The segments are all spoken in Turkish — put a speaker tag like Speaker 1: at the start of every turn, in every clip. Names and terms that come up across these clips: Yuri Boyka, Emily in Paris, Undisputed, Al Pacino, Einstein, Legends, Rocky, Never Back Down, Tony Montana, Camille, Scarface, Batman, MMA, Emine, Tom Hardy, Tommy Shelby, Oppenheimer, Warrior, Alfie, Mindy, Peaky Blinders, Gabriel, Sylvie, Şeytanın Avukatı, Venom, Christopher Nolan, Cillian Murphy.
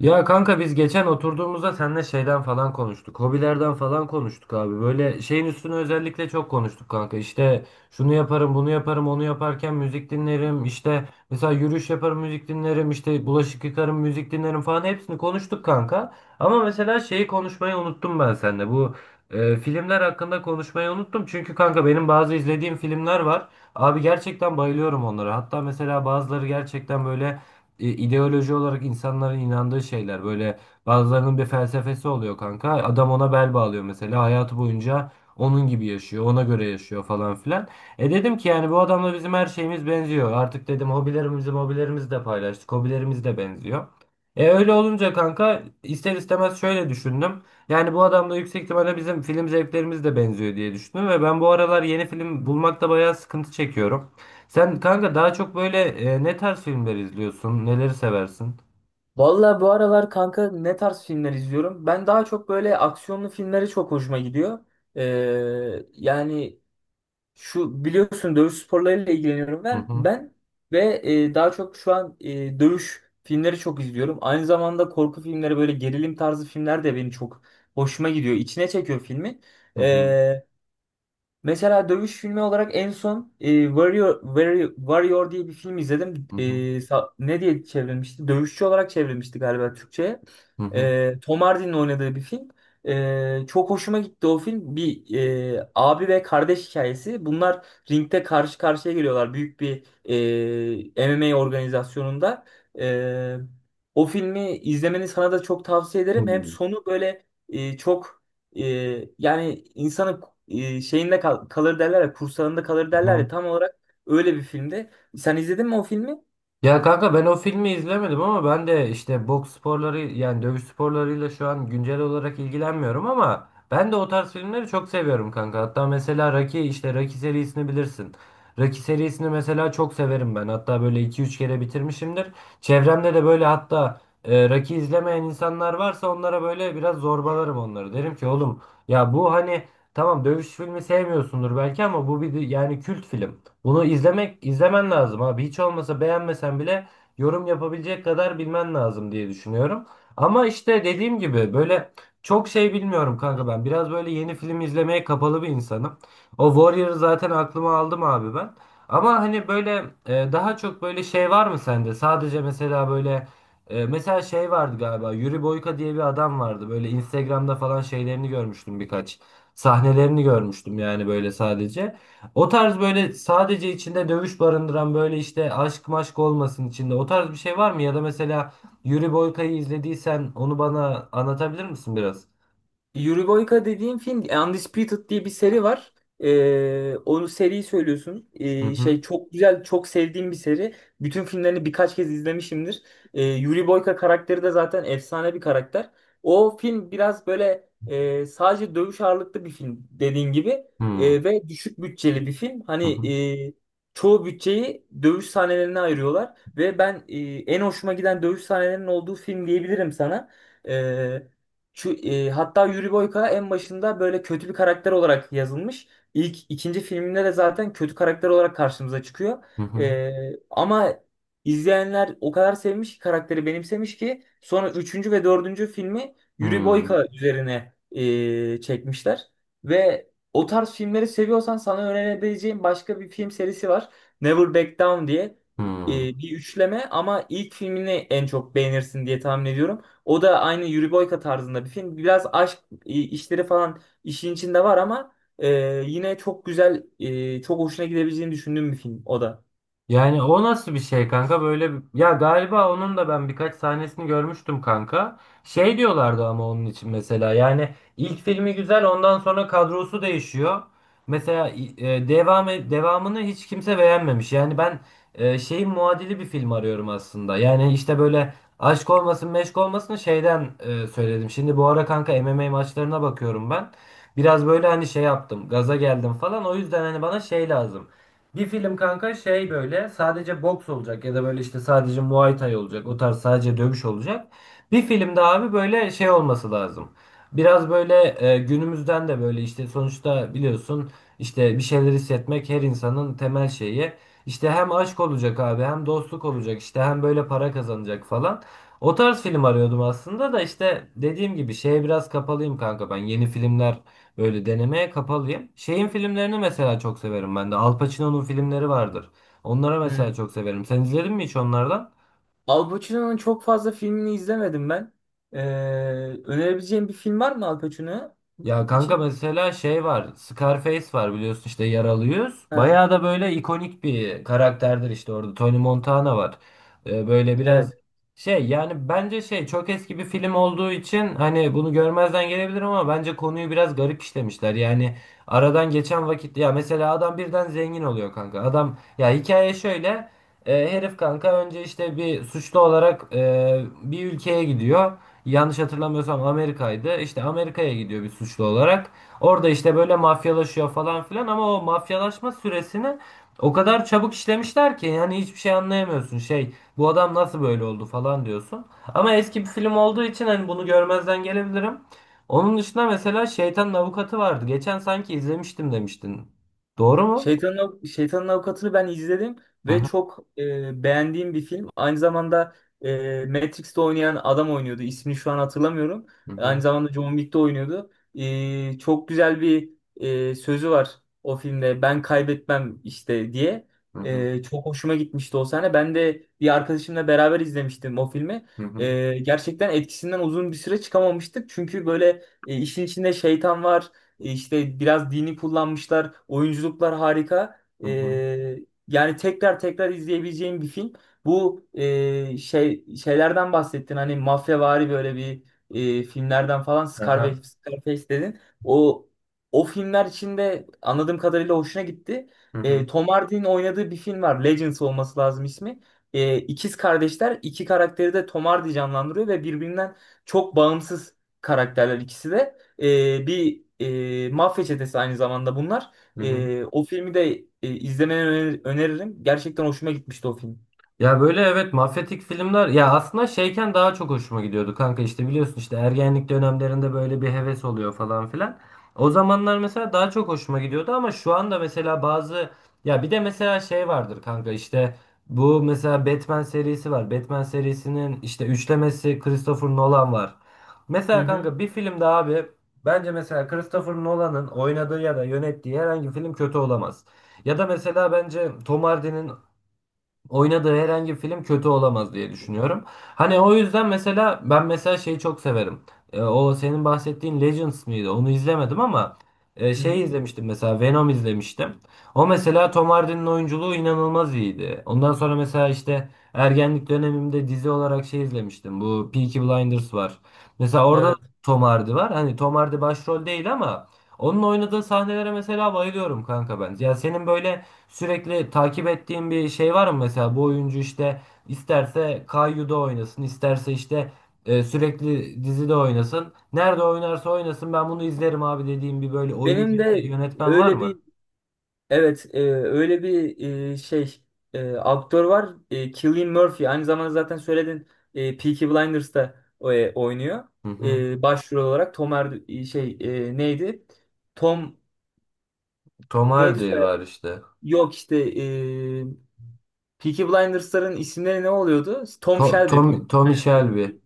Speaker 1: Ya kanka biz geçen oturduğumuzda seninle şeyden falan konuştuk. Hobilerden falan konuştuk abi. Böyle şeyin üstüne özellikle çok konuştuk kanka. İşte şunu yaparım, bunu yaparım, onu yaparken müzik dinlerim. İşte mesela yürüyüş yaparım, müzik dinlerim. İşte bulaşık yıkarım, müzik dinlerim falan hepsini konuştuk kanka. Ama mesela şeyi konuşmayı unuttum ben seninle. Bu filmler hakkında konuşmayı unuttum. Çünkü kanka benim bazı izlediğim filmler var. Abi gerçekten bayılıyorum onlara. Hatta mesela bazıları gerçekten böyle ideoloji olarak insanların inandığı şeyler. Böyle bazılarının bir felsefesi oluyor kanka. Adam ona bel bağlıyor mesela. Hayatı boyunca onun gibi yaşıyor. Ona göre yaşıyor falan filan. E dedim ki yani bu adamla bizim her şeyimiz benziyor. Artık dedim hobilerimizi de paylaştık. Hobilerimiz de benziyor. E öyle olunca kanka ister istemez şöyle düşündüm. Yani bu adamla yüksek ihtimalle bizim film zevklerimiz de benziyor diye düşündüm ve ben bu aralar yeni film bulmakta bayağı sıkıntı çekiyorum. Sen kanka daha çok böyle ne tarz filmler izliyorsun? Neleri seversin?
Speaker 2: Vallahi bu aralar kanka ne tarz filmler izliyorum? Ben daha çok böyle aksiyonlu filmleri çok hoşuma gidiyor. Yani şu biliyorsun dövüş sporlarıyla ilgileniyorum
Speaker 1: Hı
Speaker 2: ben.
Speaker 1: hı.
Speaker 2: Daha çok şu an dövüş filmleri çok izliyorum. Aynı zamanda korku filmleri böyle gerilim tarzı filmler de benim çok hoşuma gidiyor. İçine çekiyor filmi.
Speaker 1: Hı hı.
Speaker 2: Ee, Mesela dövüş filmi olarak en son Warrior diye bir film izledim.
Speaker 1: Hı hı.
Speaker 2: Ne diye çevrilmişti? Dövüşçü olarak çevrilmişti galiba Türkçe'ye.
Speaker 1: Hı hı.
Speaker 2: Tom Hardy'nin oynadığı bir film. Çok hoşuma gitti o film. Bir abi ve kardeş hikayesi. Bunlar ringde karşı karşıya geliyorlar büyük bir MMA organizasyonunda. E, O filmi izlemeni sana da çok tavsiye ederim. Hem sonu böyle çok yani insanın kalır derler ya, kursağında kalır
Speaker 1: Hı
Speaker 2: derler ya
Speaker 1: hı.
Speaker 2: tam olarak öyle bir filmde. Sen izledin mi o filmi?
Speaker 1: Ya kanka ben o filmi izlemedim ama ben de işte boks sporları yani dövüş sporlarıyla şu an güncel olarak ilgilenmiyorum ama ben de o tarz filmleri çok seviyorum kanka. Hatta mesela Rocky işte Rocky serisini bilirsin. Rocky serisini mesela çok severim ben. Hatta böyle iki üç kere bitirmişimdir. Çevremde de böyle hatta Rocky izlemeyen insanlar varsa onlara böyle biraz zorbalarım onları. Derim ki oğlum ya bu hani tamam dövüş filmi sevmiyorsundur belki ama bu bir yani kült film. Bunu izlemen lazım abi. Hiç olmasa beğenmesen bile yorum yapabilecek kadar bilmen lazım diye düşünüyorum. Ama işte dediğim gibi böyle çok şey bilmiyorum kanka ben. Biraz böyle yeni film izlemeye kapalı bir insanım. O Warrior'ı zaten aklıma aldım abi ben. Ama hani böyle daha çok böyle şey var mı sende? Sadece mesela böyle mesela şey vardı galiba. Yuri Boyka diye bir adam vardı. Böyle Instagram'da falan şeylerini görmüştüm birkaç. Sahnelerini görmüştüm yani böyle sadece. O tarz böyle sadece içinde dövüş barındıran böyle işte aşk maşk olmasın içinde. O tarz bir şey var mı? Ya da mesela Yuri Boyka'yı izlediysen onu bana anlatabilir misin biraz?
Speaker 2: Yuri Boyka dediğin film Undisputed diye bir seri var. Onu seriyi söylüyorsun.
Speaker 1: Hı
Speaker 2: Şey
Speaker 1: hı.
Speaker 2: çok güzel, çok sevdiğim bir seri. Bütün filmlerini birkaç kez izlemişimdir. Yuri Boyka karakteri de zaten efsane bir karakter. O film biraz böyle sadece dövüş ağırlıklı bir film dediğin gibi.
Speaker 1: Hı hı.
Speaker 2: Ve düşük bütçeli bir film.
Speaker 1: Hı
Speaker 2: Hani
Speaker 1: hı.
Speaker 2: e, çoğu bütçeyi dövüş sahnelerine ayırıyorlar ve ben en hoşuma giden dövüş sahnelerinin olduğu film diyebilirim sana. Ee, Hatta Yuri Boyka en başında böyle kötü bir karakter olarak yazılmış. İlk ikinci filminde de zaten kötü karakter olarak karşımıza çıkıyor.
Speaker 1: Hı
Speaker 2: E, Ama izleyenler o kadar sevmiş ki karakteri benimsemiş ki sonra üçüncü ve dördüncü filmi Yuri
Speaker 1: hı.
Speaker 2: Boyka üzerine çekmişler. Ve o tarz filmleri seviyorsan sana önerebileceğim başka bir film serisi var. Never Back Down diye
Speaker 1: Hı hı.
Speaker 2: bir üçleme ama ilk filmini en çok beğenirsin diye tahmin ediyorum. O da aynı Yuri Boyka tarzında bir film. Biraz aşk işleri falan işin içinde var ama e, yine çok güzel, çok hoşuna gidebileceğini düşündüğüm bir film o da.
Speaker 1: Yani o nasıl bir şey kanka böyle ya galiba onun da ben birkaç sahnesini görmüştüm kanka. Şey diyorlardı ama onun için mesela yani ilk filmi güzel ondan sonra kadrosu değişiyor. Mesela devamını hiç kimse beğenmemiş. Yani ben şeyin muadili bir film arıyorum aslında. Yani işte böyle aşk olmasın meşk olmasın şeyden söyledim. Şimdi bu ara kanka MMA maçlarına bakıyorum ben. Biraz böyle hani şey yaptım gaza geldim falan o yüzden hani bana şey lazım. Bir film kanka şey böyle sadece boks olacak ya da böyle işte sadece Muay Thai olacak. O tarz sadece dövüş olacak. Bir filmde abi böyle şey olması lazım. Biraz böyle günümüzden de böyle işte sonuçta biliyorsun işte bir şeyler hissetmek her insanın temel şeyi. İşte hem aşk olacak abi hem dostluk olacak işte hem böyle para kazanacak falan. O tarz film arıyordum aslında da işte dediğim gibi şeye biraz kapalıyım kanka ben yeni filmler böyle denemeye kapalıyım. Şeyin filmlerini mesela çok severim ben de. Al Pacino'nun filmleri vardır. Onlara mesela
Speaker 2: Hmm.
Speaker 1: çok severim. Sen izledin mi hiç onlardan?
Speaker 2: Al Pacino'nun çok fazla filmini izlemedim ben. E, Önerebileceğim bir film var mı Al Pacino
Speaker 1: Ya kanka
Speaker 2: için?
Speaker 1: mesela şey var. Scarface var biliyorsun işte yaralıyız.
Speaker 2: Ha,
Speaker 1: Bayağı da böyle ikonik bir karakterdir işte orada. Tony Montana var. Böyle
Speaker 2: evet.
Speaker 1: biraz şey yani bence şey çok eski bir film olduğu için hani bunu görmezden gelebilir ama bence konuyu biraz garip işlemişler. Yani aradan geçen vakit ya mesela adam birden zengin oluyor kanka. Adam ya hikaye şöyle. Herif kanka önce işte bir suçlu olarak bir ülkeye gidiyor yanlış hatırlamıyorsam Amerika'ydı. İşte Amerika'ya gidiyor bir suçlu olarak. Orada işte böyle mafyalaşıyor falan filan ama o mafyalaşma süresini o kadar çabuk işlemişler ki yani hiçbir şey anlayamıyorsun. Şey bu adam nasıl böyle oldu falan diyorsun. Ama eski bir film olduğu için hani bunu görmezden gelebilirim. Onun dışında mesela Şeytanın Avukatı vardı. Geçen sanki izlemiştim demiştin. Doğru mu?
Speaker 2: Şeytanın Avukatı'nı ben izledim
Speaker 1: Hı
Speaker 2: ve
Speaker 1: hı.
Speaker 2: çok beğendiğim bir film. Aynı zamanda Matrix'te oynayan adam oynuyordu. İsmini şu an hatırlamıyorum.
Speaker 1: Hı
Speaker 2: Aynı
Speaker 1: hı,
Speaker 2: zamanda John Wick'te oynuyordu. Çok güzel bir sözü var o filmde. Ben kaybetmem işte diye.
Speaker 1: hı hı,
Speaker 2: Çok hoşuma gitmişti o sahne. Ben de bir arkadaşımla beraber izlemiştim o filmi.
Speaker 1: hı hı,
Speaker 2: Gerçekten etkisinden uzun bir süre çıkamamıştık. Çünkü böyle işin içinde şeytan var. İşte biraz dini kullanmışlar. Oyunculuklar harika.
Speaker 1: hı hı.
Speaker 2: Yani tekrar tekrar izleyebileceğim bir film. Bu şeylerden bahsettin. Hani mafyavari böyle bir filmlerden falan
Speaker 1: Aha,
Speaker 2: Scarface dedin. O O filmler içinde anladığım kadarıyla hoşuna gitti.
Speaker 1: hı hı,
Speaker 2: Tom Hardy'nin oynadığı bir film var. Legends olması lazım ismi. İkiz kardeşler. İki karakteri de Tom Hardy canlandırıyor ve birbirinden çok bağımsız karakterler ikisi de. Bir mafya çetesi aynı zamanda bunlar.
Speaker 1: hı hı.
Speaker 2: O filmi de öneririm. Gerçekten hoşuma gitmişti o film.
Speaker 1: Ya böyle evet mafyatik filmler ya aslında şeyken daha çok hoşuma gidiyordu kanka işte biliyorsun işte ergenlik dönemlerinde böyle bir heves oluyor falan filan. O zamanlar mesela daha çok hoşuma gidiyordu ama şu anda mesela bazı ya bir de mesela şey vardır kanka işte bu mesela Batman serisi var. Batman serisinin işte üçlemesi Christopher Nolan var.
Speaker 2: Hı
Speaker 1: Mesela
Speaker 2: hı,
Speaker 1: kanka bir filmde abi bence mesela Christopher Nolan'ın oynadığı ya da yönettiği herhangi bir film kötü olamaz. Ya da mesela bence Tom Hardy'nin oynadığı herhangi bir film kötü olamaz diye düşünüyorum. Hani o yüzden mesela ben mesela şeyi çok severim. E, o senin bahsettiğin Legends miydi? Onu izlemedim ama
Speaker 2: hı
Speaker 1: şey
Speaker 2: hı.
Speaker 1: izlemiştim mesela Venom izlemiştim. O mesela Tom Hardy'nin oyunculuğu inanılmaz iyiydi. Ondan sonra mesela işte ergenlik dönemimde dizi olarak şey izlemiştim. Bu Peaky Blinders var. Mesela orada da
Speaker 2: Evet.
Speaker 1: Tom Hardy var. Hani Tom Hardy başrol değil ama onun oynadığı sahnelere mesela bayılıyorum kanka ben. Ya senin böyle sürekli takip ettiğin bir şey var mı mesela bu oyuncu işte isterse Kayyu'da oynasın, isterse işte sürekli dizide oynasın. Nerede oynarsa oynasın ben bunu izlerim abi dediğim bir böyle oyuncu
Speaker 2: Benim
Speaker 1: ya da
Speaker 2: de
Speaker 1: yönetmen var
Speaker 2: öyle
Speaker 1: mı?
Speaker 2: bir öyle bir e, şey aktör var. Cillian Murphy aynı zamanda zaten söyledin Peaky Blinders'ta oynuyor.
Speaker 1: Hı hı.
Speaker 2: Başrol olarak Tom Er şey e, neydi? Tom
Speaker 1: Tom
Speaker 2: neydi
Speaker 1: Hardy
Speaker 2: soyadı?
Speaker 1: var işte.
Speaker 2: Yok işte Peaky Blinders'ların isimleri ne oluyordu? Tom
Speaker 1: To
Speaker 2: Shelby.
Speaker 1: Tom Tommy Shelby.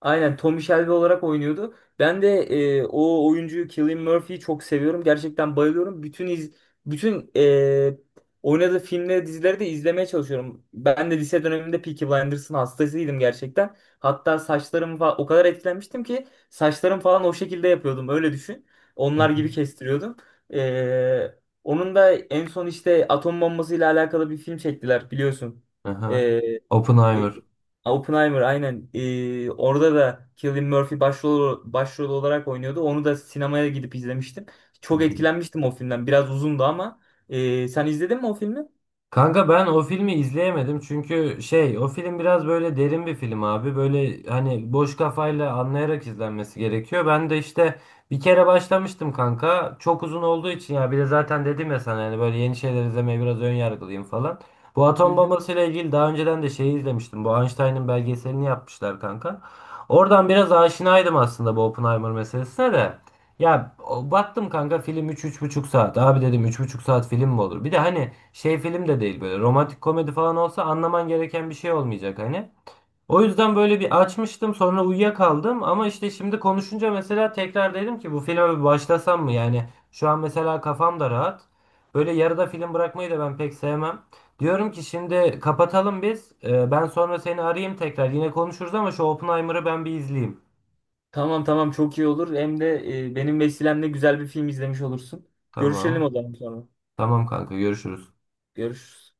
Speaker 2: Aynen Tommy Shelby olarak oynuyordu. Ben de o oyuncuyu Cillian Murphy'yi çok seviyorum. Gerçekten bayılıyorum. Bütün oynadığı filmleri, dizileri de izlemeye çalışıyorum. Ben de lise döneminde Peaky Blinders'ın hastasıydım gerçekten. Hatta saçlarım falan o kadar etkilenmiştim ki saçlarım falan o şekilde yapıyordum. Öyle düşün.
Speaker 1: Hı
Speaker 2: Onlar
Speaker 1: hı.
Speaker 2: gibi kestiriyordum. E, Onun da en son işte atom bombasıyla alakalı bir film çektiler biliyorsun.
Speaker 1: Aha.
Speaker 2: E, e,
Speaker 1: Oppenheimer.
Speaker 2: Oppenheimer aynen. Orada da Cillian Murphy başrol olarak oynuyordu. Onu da sinemaya gidip izlemiştim.
Speaker 1: Hı
Speaker 2: Çok
Speaker 1: hı.
Speaker 2: etkilenmiştim o filmden. Biraz uzundu ama. Sen izledin mi o filmi?
Speaker 1: Kanka ben o filmi izleyemedim çünkü şey o film biraz böyle derin bir film abi. Böyle hani boş kafayla anlayarak izlenmesi gerekiyor. Ben de işte bir kere başlamıştım kanka. Çok uzun olduğu için ya bir de zaten dedim ya sana yani böyle yeni şeyler izlemeye biraz ön yargılıyım falan. Bu
Speaker 2: Hı
Speaker 1: atom
Speaker 2: hı.
Speaker 1: bombasıyla ilgili daha önceden de şeyi izlemiştim. Bu Einstein'ın belgeselini yapmışlar kanka. Oradan biraz aşinaydım aslında bu Oppenheimer meselesine de. Baktım kanka film üç üç buçuk saat. Abi dedim üç buçuk saat film mi olur? Bir de hani şey film de değil böyle romantik komedi falan olsa anlaman gereken bir şey olmayacak hani. O yüzden böyle bir açmıştım sonra uyuyakaldım ama işte şimdi konuşunca mesela tekrar dedim ki bu filme bir başlasam mı? Yani şu an mesela kafam da rahat. Böyle yarıda film bırakmayı da ben pek sevmem. Diyorum ki şimdi kapatalım biz. Ben sonra seni arayayım tekrar. Yine konuşuruz ama şu Oppenheimer'ı ben bir izleyeyim.
Speaker 2: Tamam, tamam, çok iyi olur. Hem de benim vesilemle güzel bir film izlemiş olursun. Görüşelim o
Speaker 1: Tamam.
Speaker 2: zaman sonra.
Speaker 1: Tamam kanka görüşürüz.
Speaker 2: Görüşürüz.